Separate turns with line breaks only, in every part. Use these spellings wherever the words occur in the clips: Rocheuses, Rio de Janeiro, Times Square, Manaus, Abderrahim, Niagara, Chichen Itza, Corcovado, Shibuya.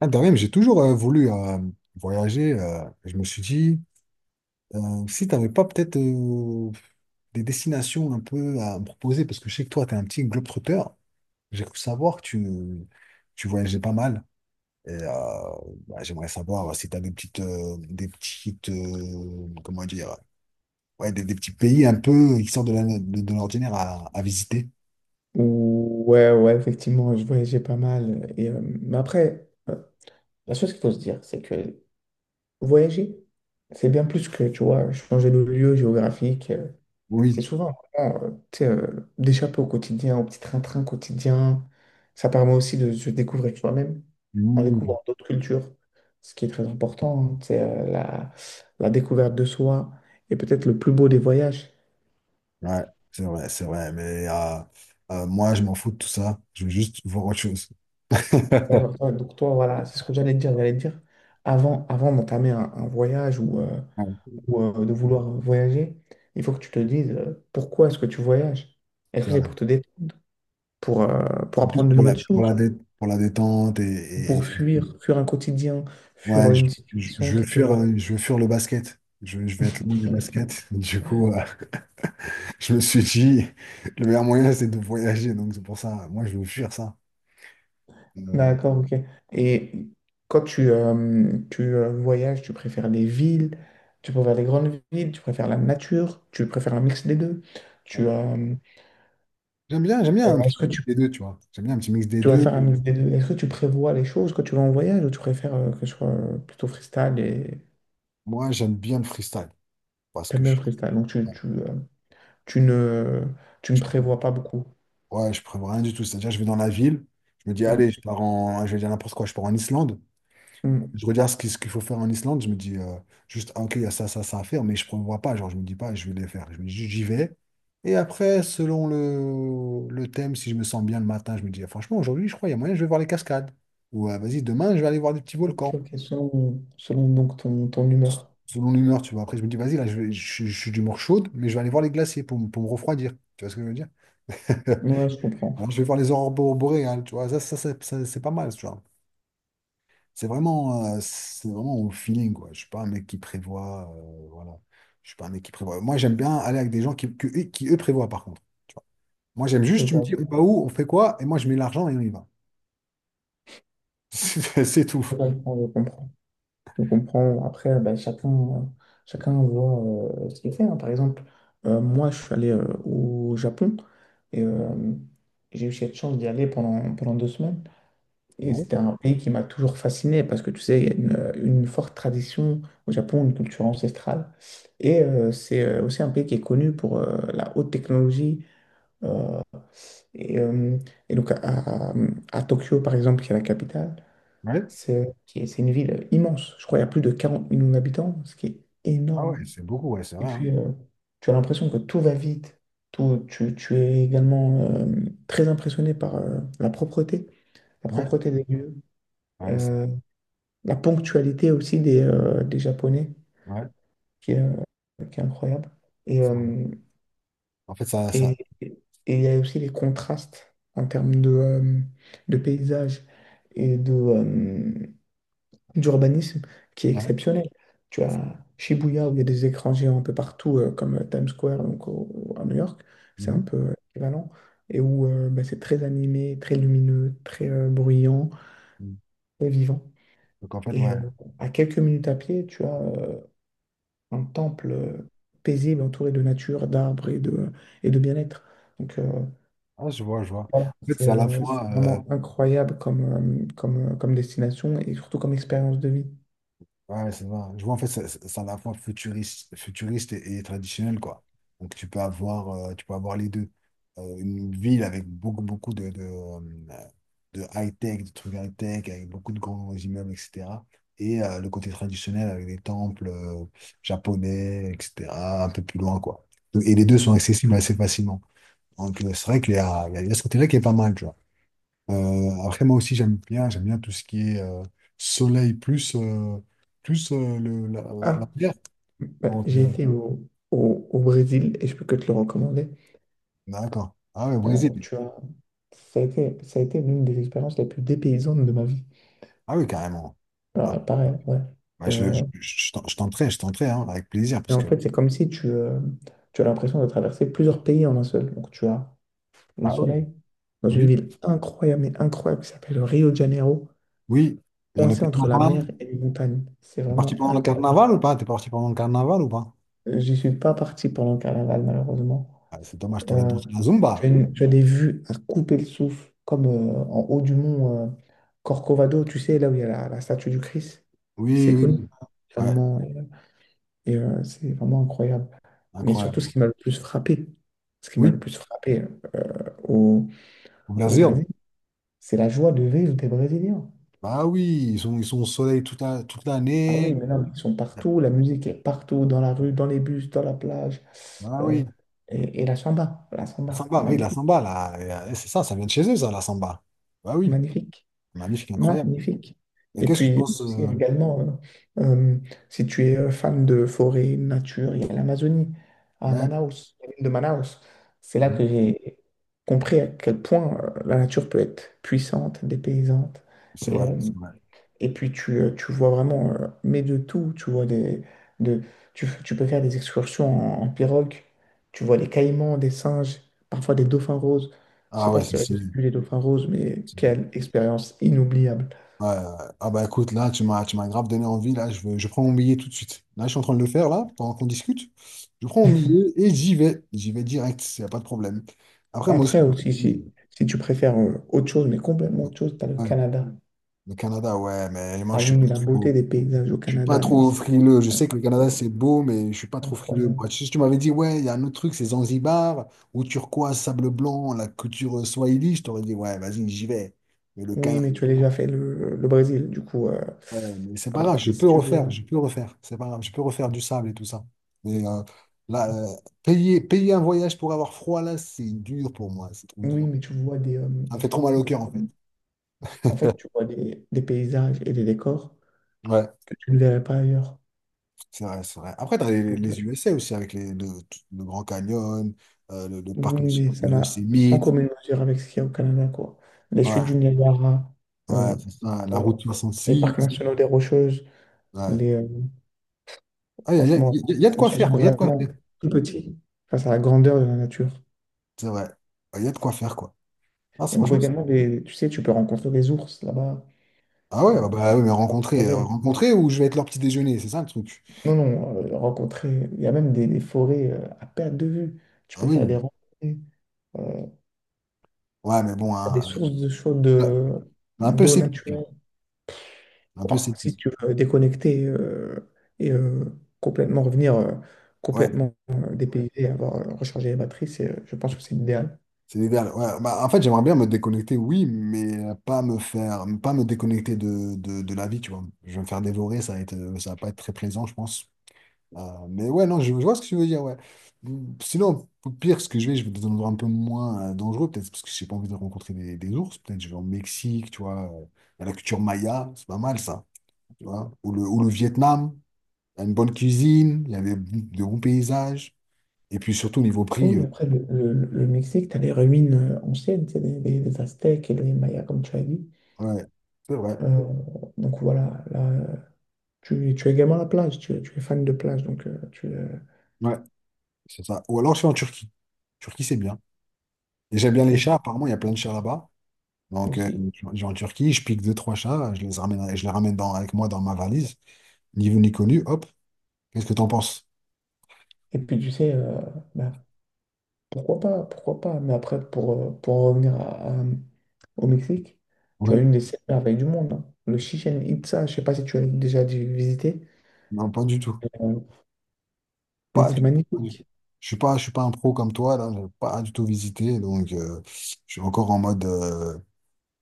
Ah, de même, j'ai toujours voulu voyager. Je me suis dit, si tu n'avais pas peut-être des destinations un peu à me proposer, parce que je sais que toi, tu es un petit globetrotter, j'ai cru savoir que tu voyageais pas mal. Et bah, j'aimerais savoir si tu as des petites, comment dire, ouais, des petits pays un peu qui sortent de de l'ordinaire à visiter.
Ouais, ouais, effectivement, je voyageais pas mal. Et, mais après, la chose qu'il faut se dire, c'est que voyager, c'est bien plus que, tu vois, changer de lieu géographique.
Oui.
C'est souvent, vraiment, tu sais, d'échapper au quotidien, au petit train-train quotidien. Ça permet aussi de se découvrir soi-même en
Mmh.
découvrant d'autres cultures, ce qui est très important, hein, tu sais, la découverte de soi. Et peut-être le plus beau des voyages.
Ouais, c'est vrai, c'est vrai. Mais moi, je m'en fous de tout ça. Je veux juste voir autre chose.
D'accord. Ouais, donc toi, voilà, c'est ce que j'allais te dire. J'allais te dire, avant d'entamer un voyage ou, euh,
Ouais,
ou, euh, de vouloir voyager, il faut que tu te dises pourquoi est-ce que tu voyages? Est-ce
c'est
que c'est
vrai.
pour te détendre, pour, euh, pour
C'est plus
apprendre de nouvelles choses,
pour la détente
ou
et
pour fuir un quotidien, fuir
ouais, je,
une
je,
situation
je
qui te.
je veux fuir le basket. Je vais être loin du basket. Du coup, je me suis dit, le meilleur moyen, c'est de voyager. Donc, c'est pour ça, moi, je veux fuir ça. Euh,
D'accord, ok. Et quand tu voyages, tu préfères les villes, tu préfères les grandes villes, tu préfères la nature, tu préfères un mix des deux. Tu,
J'aime bien, j'aime bien un petit
est-ce
mix
que tu
des deux, tu vois. J'aime bien un petit mix des
Tu vas
deux.
faire un mix des deux. Est-ce que tu prévois les choses quand tu vas en voyage ou tu préfères que ce soit plutôt freestyle et
Moi, j'aime bien le freestyle parce
t'aimes
que
bien le freestyle? Donc tu ne, tu ne prévois pas beaucoup.
ouais, je prévois rien du tout. C'est-à-dire, je vais dans la ville, je me dis, allez,
Hmm,
je vais dire n'importe quoi, je pars en Islande.
hmm.
Je regarde ce qu'il faut faire en Islande, je me dis juste, ah, ok, il y a ça, ça, ça à faire, mais je ne prévois pas, genre, je me dis pas, je vais les faire. Je me dis juste, j'y vais. Et après, selon le thème, si je me sens bien le matin, je me dis, ah, franchement, aujourd'hui, je crois, il y a moyen, je vais voir les cascades. Ou ah, vas-y, demain, je vais aller voir des petits
Ok,
volcans.
ok, selon donc ton
S-
humeur.
Selon l'humeur, tu vois. Après, je me dis, vas-y, là, je suis d'humeur chaude, mais je vais aller voir les glaciers pour, pour me refroidir. Tu vois ce que je veux dire?
Ouais, je comprends.
Alors, je vais voir les aurores boréales, tu vois. Ça, c'est pas mal, tu vois. C'est vraiment au feeling, quoi. Je suis pas un mec qui prévoit, voilà. Je suis pas un mec qui prévoit. Moi, j'aime bien aller avec des gens qui eux, prévoient, par contre. Tu vois. Moi, j'aime
Je
juste, tu me
vois, je
dis, on
vois.
va où, on fait quoi, et moi, je mets l'argent et on y va. C'est tout.
Je comprends, je comprends. Je comprends. Après, ben, chacun voit ce qu'il fait. Hein. Par exemple, moi, je suis allé au Japon et j'ai eu cette chance d'y aller pendant 2 semaines. Et
Ouais.
c'était un pays qui m'a toujours fasciné parce que tu sais, il y a une forte tradition au Japon, une culture ancestrale. Et c'est aussi un pays qui est connu pour la haute technologie. euh, Et, euh, et donc à Tokyo, par exemple, qui est la capitale,
Ouais.
c'est une ville immense. Je crois qu'il y a plus de 40 millions d'habitants, ce qui est
Ah ouais,
énorme.
c'est beaucoup, ouais, c'est
Et
vrai, hein.
puis, tu as l'impression que tout va vite. Tout, tu es également très impressionné par la
Ouais.
propreté des lieux.
Ouais, c'est
Euh, la ponctualité aussi des Japonais,
ouais,
qui est incroyable. Et,
c'est vrai.
euh,
En fait,
et il y a aussi les contrastes en termes de paysage et d'urbanisme qui est
ouais.
exceptionnel. Tu as Shibuya, où il y a des écrans géants un peu partout, comme Times Square, donc à New York, c'est un
Mhm.
peu équivalent, et où bah, c'est très animé, très lumineux, très bruyant, très vivant.
Donc, en fait,
Et
ouais.
à quelques minutes à pied, tu as un temple paisible entouré de nature, d'arbres et de bien-être. Donc euh,
Ah, je vois, je vois. En
voilà,
fait, c'est à la
c'est
fois,
vraiment incroyable comme destination et surtout comme expérience de vie.
ouais, c'est vrai. Je vois, en fait, c'est à la fois futuriste, futuriste et traditionnel, quoi. Donc, tu peux avoir les deux. Une ville avec beaucoup, beaucoup de high-tech, de trucs high-tech, avec beaucoup de grands immeubles, etc. Et le côté traditionnel avec des temples japonais, etc., un peu plus loin, quoi. Et les deux sont accessibles assez facilement. Donc, c'est vrai qu'il y a ce côté-là qui est pas mal, après, moi aussi, j'aime bien tout ce qui est soleil plus, plus la
Ah,
mer.
bah,
Donc,
j'ai été au Brésil et je peux que te le recommander.
d'accord. Ah oui, Brésil.
Alors, ça a été l'une des expériences les plus dépaysantes de ma vie.
Ah oui, carrément. Ah,
Alors, pareil, ouais. Euh,
je tenterai, hein, avec plaisir,
et
parce
en
que...
fait, c'est comme si tu as l'impression de traverser plusieurs pays en un seul. Donc tu as le
Ah oui.
soleil, dans une
Oui,
ville incroyable, mais incroyable, qui s'appelle Rio de Janeiro,
oui. Il y a le
coincée entre la
carnaval.
mer et les montagnes. C'est
T'es parti
vraiment
pendant le
incroyable.
carnaval ou pas? T'es parti pendant le carnaval ou pas?
J'y suis pas parti pendant le carnaval, malheureusement.
Ah, c'est dommage, t'aurais
Euh,
dansé la Zumba.
Tu as des vues à couper le souffle, comme en haut du mont Corcovado, tu sais, là où il y a la statue du Christ.
Oui,
C'est
oui,
connu
oui. Ouais,
mondialement, et c'est vraiment incroyable. Mais surtout,
incroyable.
ce qui m'a
Oui,
le plus frappé euh, au,
au
au
Brésil.
Brésil, c'est la joie de vivre des Brésiliens.
Bah oui, ils sont au soleil toute
Ah oui,
l'année.
mais non, ils sont partout, la musique est partout, dans la rue, dans les bus, dans la plage.
Ah
euh,
oui.
et la
La
samba,
samba, oui, la
magnifique,
samba, là, et, c'est ça, ça vient de chez eux, ça, la samba. Bah oui,
magnifique,
magnifique, incroyable.
magnifique.
Mais
Et
qu'est-ce que tu
puis
penses,
aussi, également, euh, euh, si tu es fan de forêt, nature, il y a l'Amazonie, à
hein,
Manaus, la ville de Manaus. C'est là
mhm.
que j'ai compris à quel point la nature peut être puissante, dépaysante.
C'est
Et,
vrai,
euh,
c'est vrai.
Et puis tu vois vraiment, mais de tout, tu vois des, de, tu, f- tu peux faire des excursions en pirogue, tu vois des caïmans, des singes, parfois des dauphins roses. Je
Ah
sais pas
ouais,
si tu as déjà vu les dauphins roses, mais
c'est-
quelle expérience inoubliable.
ouais, ah bah écoute, là, tu m'as grave donné envie, là, je veux, je prends mon billet tout de suite. Là, je suis en train de le faire, là, pendant qu'on discute. Je prends mon billet et j'y vais. J'y vais direct, il n'y a pas de problème. Après, moi aussi,
Après aussi,
je me dis,
si tu préfères autre chose, mais complètement autre chose, tu as le
ouais,
Canada.
le Canada, ouais, mais moi,
Ah
je
oui,
suis pas
mais la beauté
trop.
des paysages au
Je suis pas
Canada, mais
trop
c'est
frileux. Je sais que le Canada,
incroyable.
c'est beau, mais je suis pas trop frileux.
Incroyable.
Moi, si tu m'avais dit, ouais, il y a un autre truc, c'est Zanzibar, ou turquoise, sable blanc, la culture swahili, je t'aurais dit, ouais, vas-y, j'y vais. Mais le
Oui,
Canada,
mais tu as déjà fait le Brésil, du coup,
ouais, mais c'est pas
voilà,
grave, je
c'est si
peux
tu veux.
refaire,
Hein.
je peux refaire. C'est pas grave, je peux refaire du sable et tout ça. Mais là, payer un voyage pour avoir froid, là, c'est dur pour moi, c'est trop
Oui,
dur.
mais tu vois des,
Ça me fait trop mal au cœur, en fait.
en fait, tu vois des paysages et des décors
Ouais,
que tu ne verrais pas ailleurs.
c'est vrai, c'est vrai. Après, tu as
Donc, euh,
les USA aussi, avec le Grand Canyon, le parc
oui,
national
mais
de
ça n'a sans
Yosemite.
commune mesure avec ce qu'il y a au Canada, quoi. Les
Ouais,
chutes du Niagara,
ouais,
euh,
c'est ça, la
euh,
route soixante
les
six
parcs nationaux des Rocheuses,
Ouais.
les, euh,
Ah, il y a, y a-
franchement,
y a- y a de
on
quoi
se sent
faire, quoi. Il y a de quoi faire.
vraiment tout petit face à la grandeur de la nature.
C'est vrai. Ouais, il y a de quoi faire, quoi. Ah,
Et on voit
franchement.
également tu sais, tu peux rencontrer des ours là-bas.
Ah ouais,
euh,
bah oui, mais
des
rencontrer,
forêts.
rencontrer ou je vais être leur petit déjeuner, c'est ça le truc.
Non, non, rencontrer, il y a même des forêts à perte de vue. Tu
Ah
peux
oui.
faire des randonnées. euh,
Ouais, mais bon,
T'as des
hein,
sources de chaud
euh,
de
un peu
d'eau
sceptique, là.
naturelle.
Un peu
Ouah, si
sceptique.
tu veux déconnecter et complètement revenir
Ouais,
complètement dépaysé, et avoir rechargé les batteries, je pense que c'est l'idéal.
c'est l'idéal. Ouais, bah, en fait, j'aimerais bien me déconnecter, oui, mais pas me faire, pas me déconnecter de la vie, tu vois. Je vais me faire dévorer, ça va être, ça va pas être très plaisant, je pense. Euh, mais ouais, non, je vois ce que tu veux dire, ouais. Mm, sinon, au pire, ce que je vais dans un endroit un peu moins dangereux, peut-être parce que j'ai pas envie de rencontrer des ours. Peut-être je vais au Mexique, tu vois, à la culture maya, c'est pas mal ça, tu vois. Ou le Vietnam, il y a une bonne cuisine, il y a des de bons paysages. Et puis surtout, niveau prix,
Oui, après le Mexique, tu as les ruines anciennes, c'est des Aztèques et les Mayas, comme tu as dit.
ouais, c'est vrai,
Euh, donc voilà, là, tu es également à la plage, tu es fan de plage, donc
ouais, c'est ça. Ou alors je vais en Turquie. Turquie, c'est bien. Et j'aime bien les
ou-
chats, apparemment, il y a plein de chats là-bas. Donc,
aussi.
je vais en Turquie, je pique deux, trois chats, je les ramène dans, avec moi dans ma valise. Niveau ni connu, hop. Qu'est-ce que t'en penses?
Et puis tu sais, bah, pourquoi pas, pourquoi pas. Mais après, pour en revenir au Mexique, tu
Ouais.
as une des 7 merveilles du monde, hein. Le Chichen Itza, je sais pas si tu as déjà dû visiter.
Non, pas du tout.
Euh, mais
Pas
c'est
du tout, pas du tout.
magnifique.
Je suis pas un pro comme toi, là. J'ai pas du tout visité. Donc, je suis encore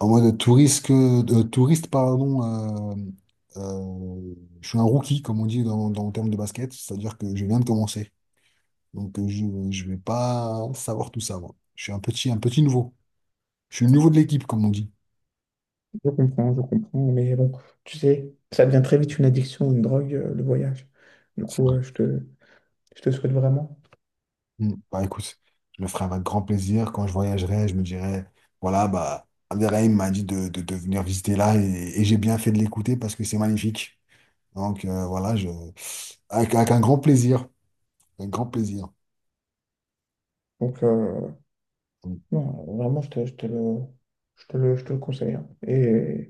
en mode touriste, que, de touriste, pardon. Euh, je suis un rookie, comme on dit dans le terme de basket. C'est-à-dire que je viens de commencer. Donc, je vais pas savoir tout ça, moi. Je suis un petit nouveau. Je suis le nouveau de l'équipe, comme on dit.
Je comprends, je comprends. Mais bon, tu sais, ça devient très vite une addiction, une drogue, le voyage. Du coup, je te souhaite vraiment.
Mm. Bah écoute, je le ferai avec grand plaisir. Quand je voyagerai, je me dirai, voilà, bah, Abderrahim m'a dit de venir visiter là et j'ai bien fait de l'écouter parce que c'est magnifique. Donc voilà, je... avec un grand plaisir. Un grand plaisir.
Donc, euh,
Mm.
non, vraiment, je te le conseille. Hein. Et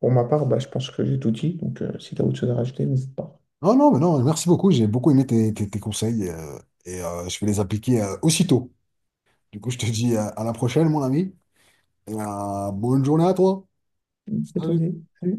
pour ma part, bah, je pense que j'ai tout dit. Si tu as autre chose à rajouter, n'hésite pas.
Non, non, mais non, merci beaucoup. J'ai beaucoup aimé tes conseils, et je vais les appliquer aussitôt. Du coup, je te dis, à la prochaine, mon ami. Et bonne journée à toi.
C'est tout
Salut.
dit. Salut.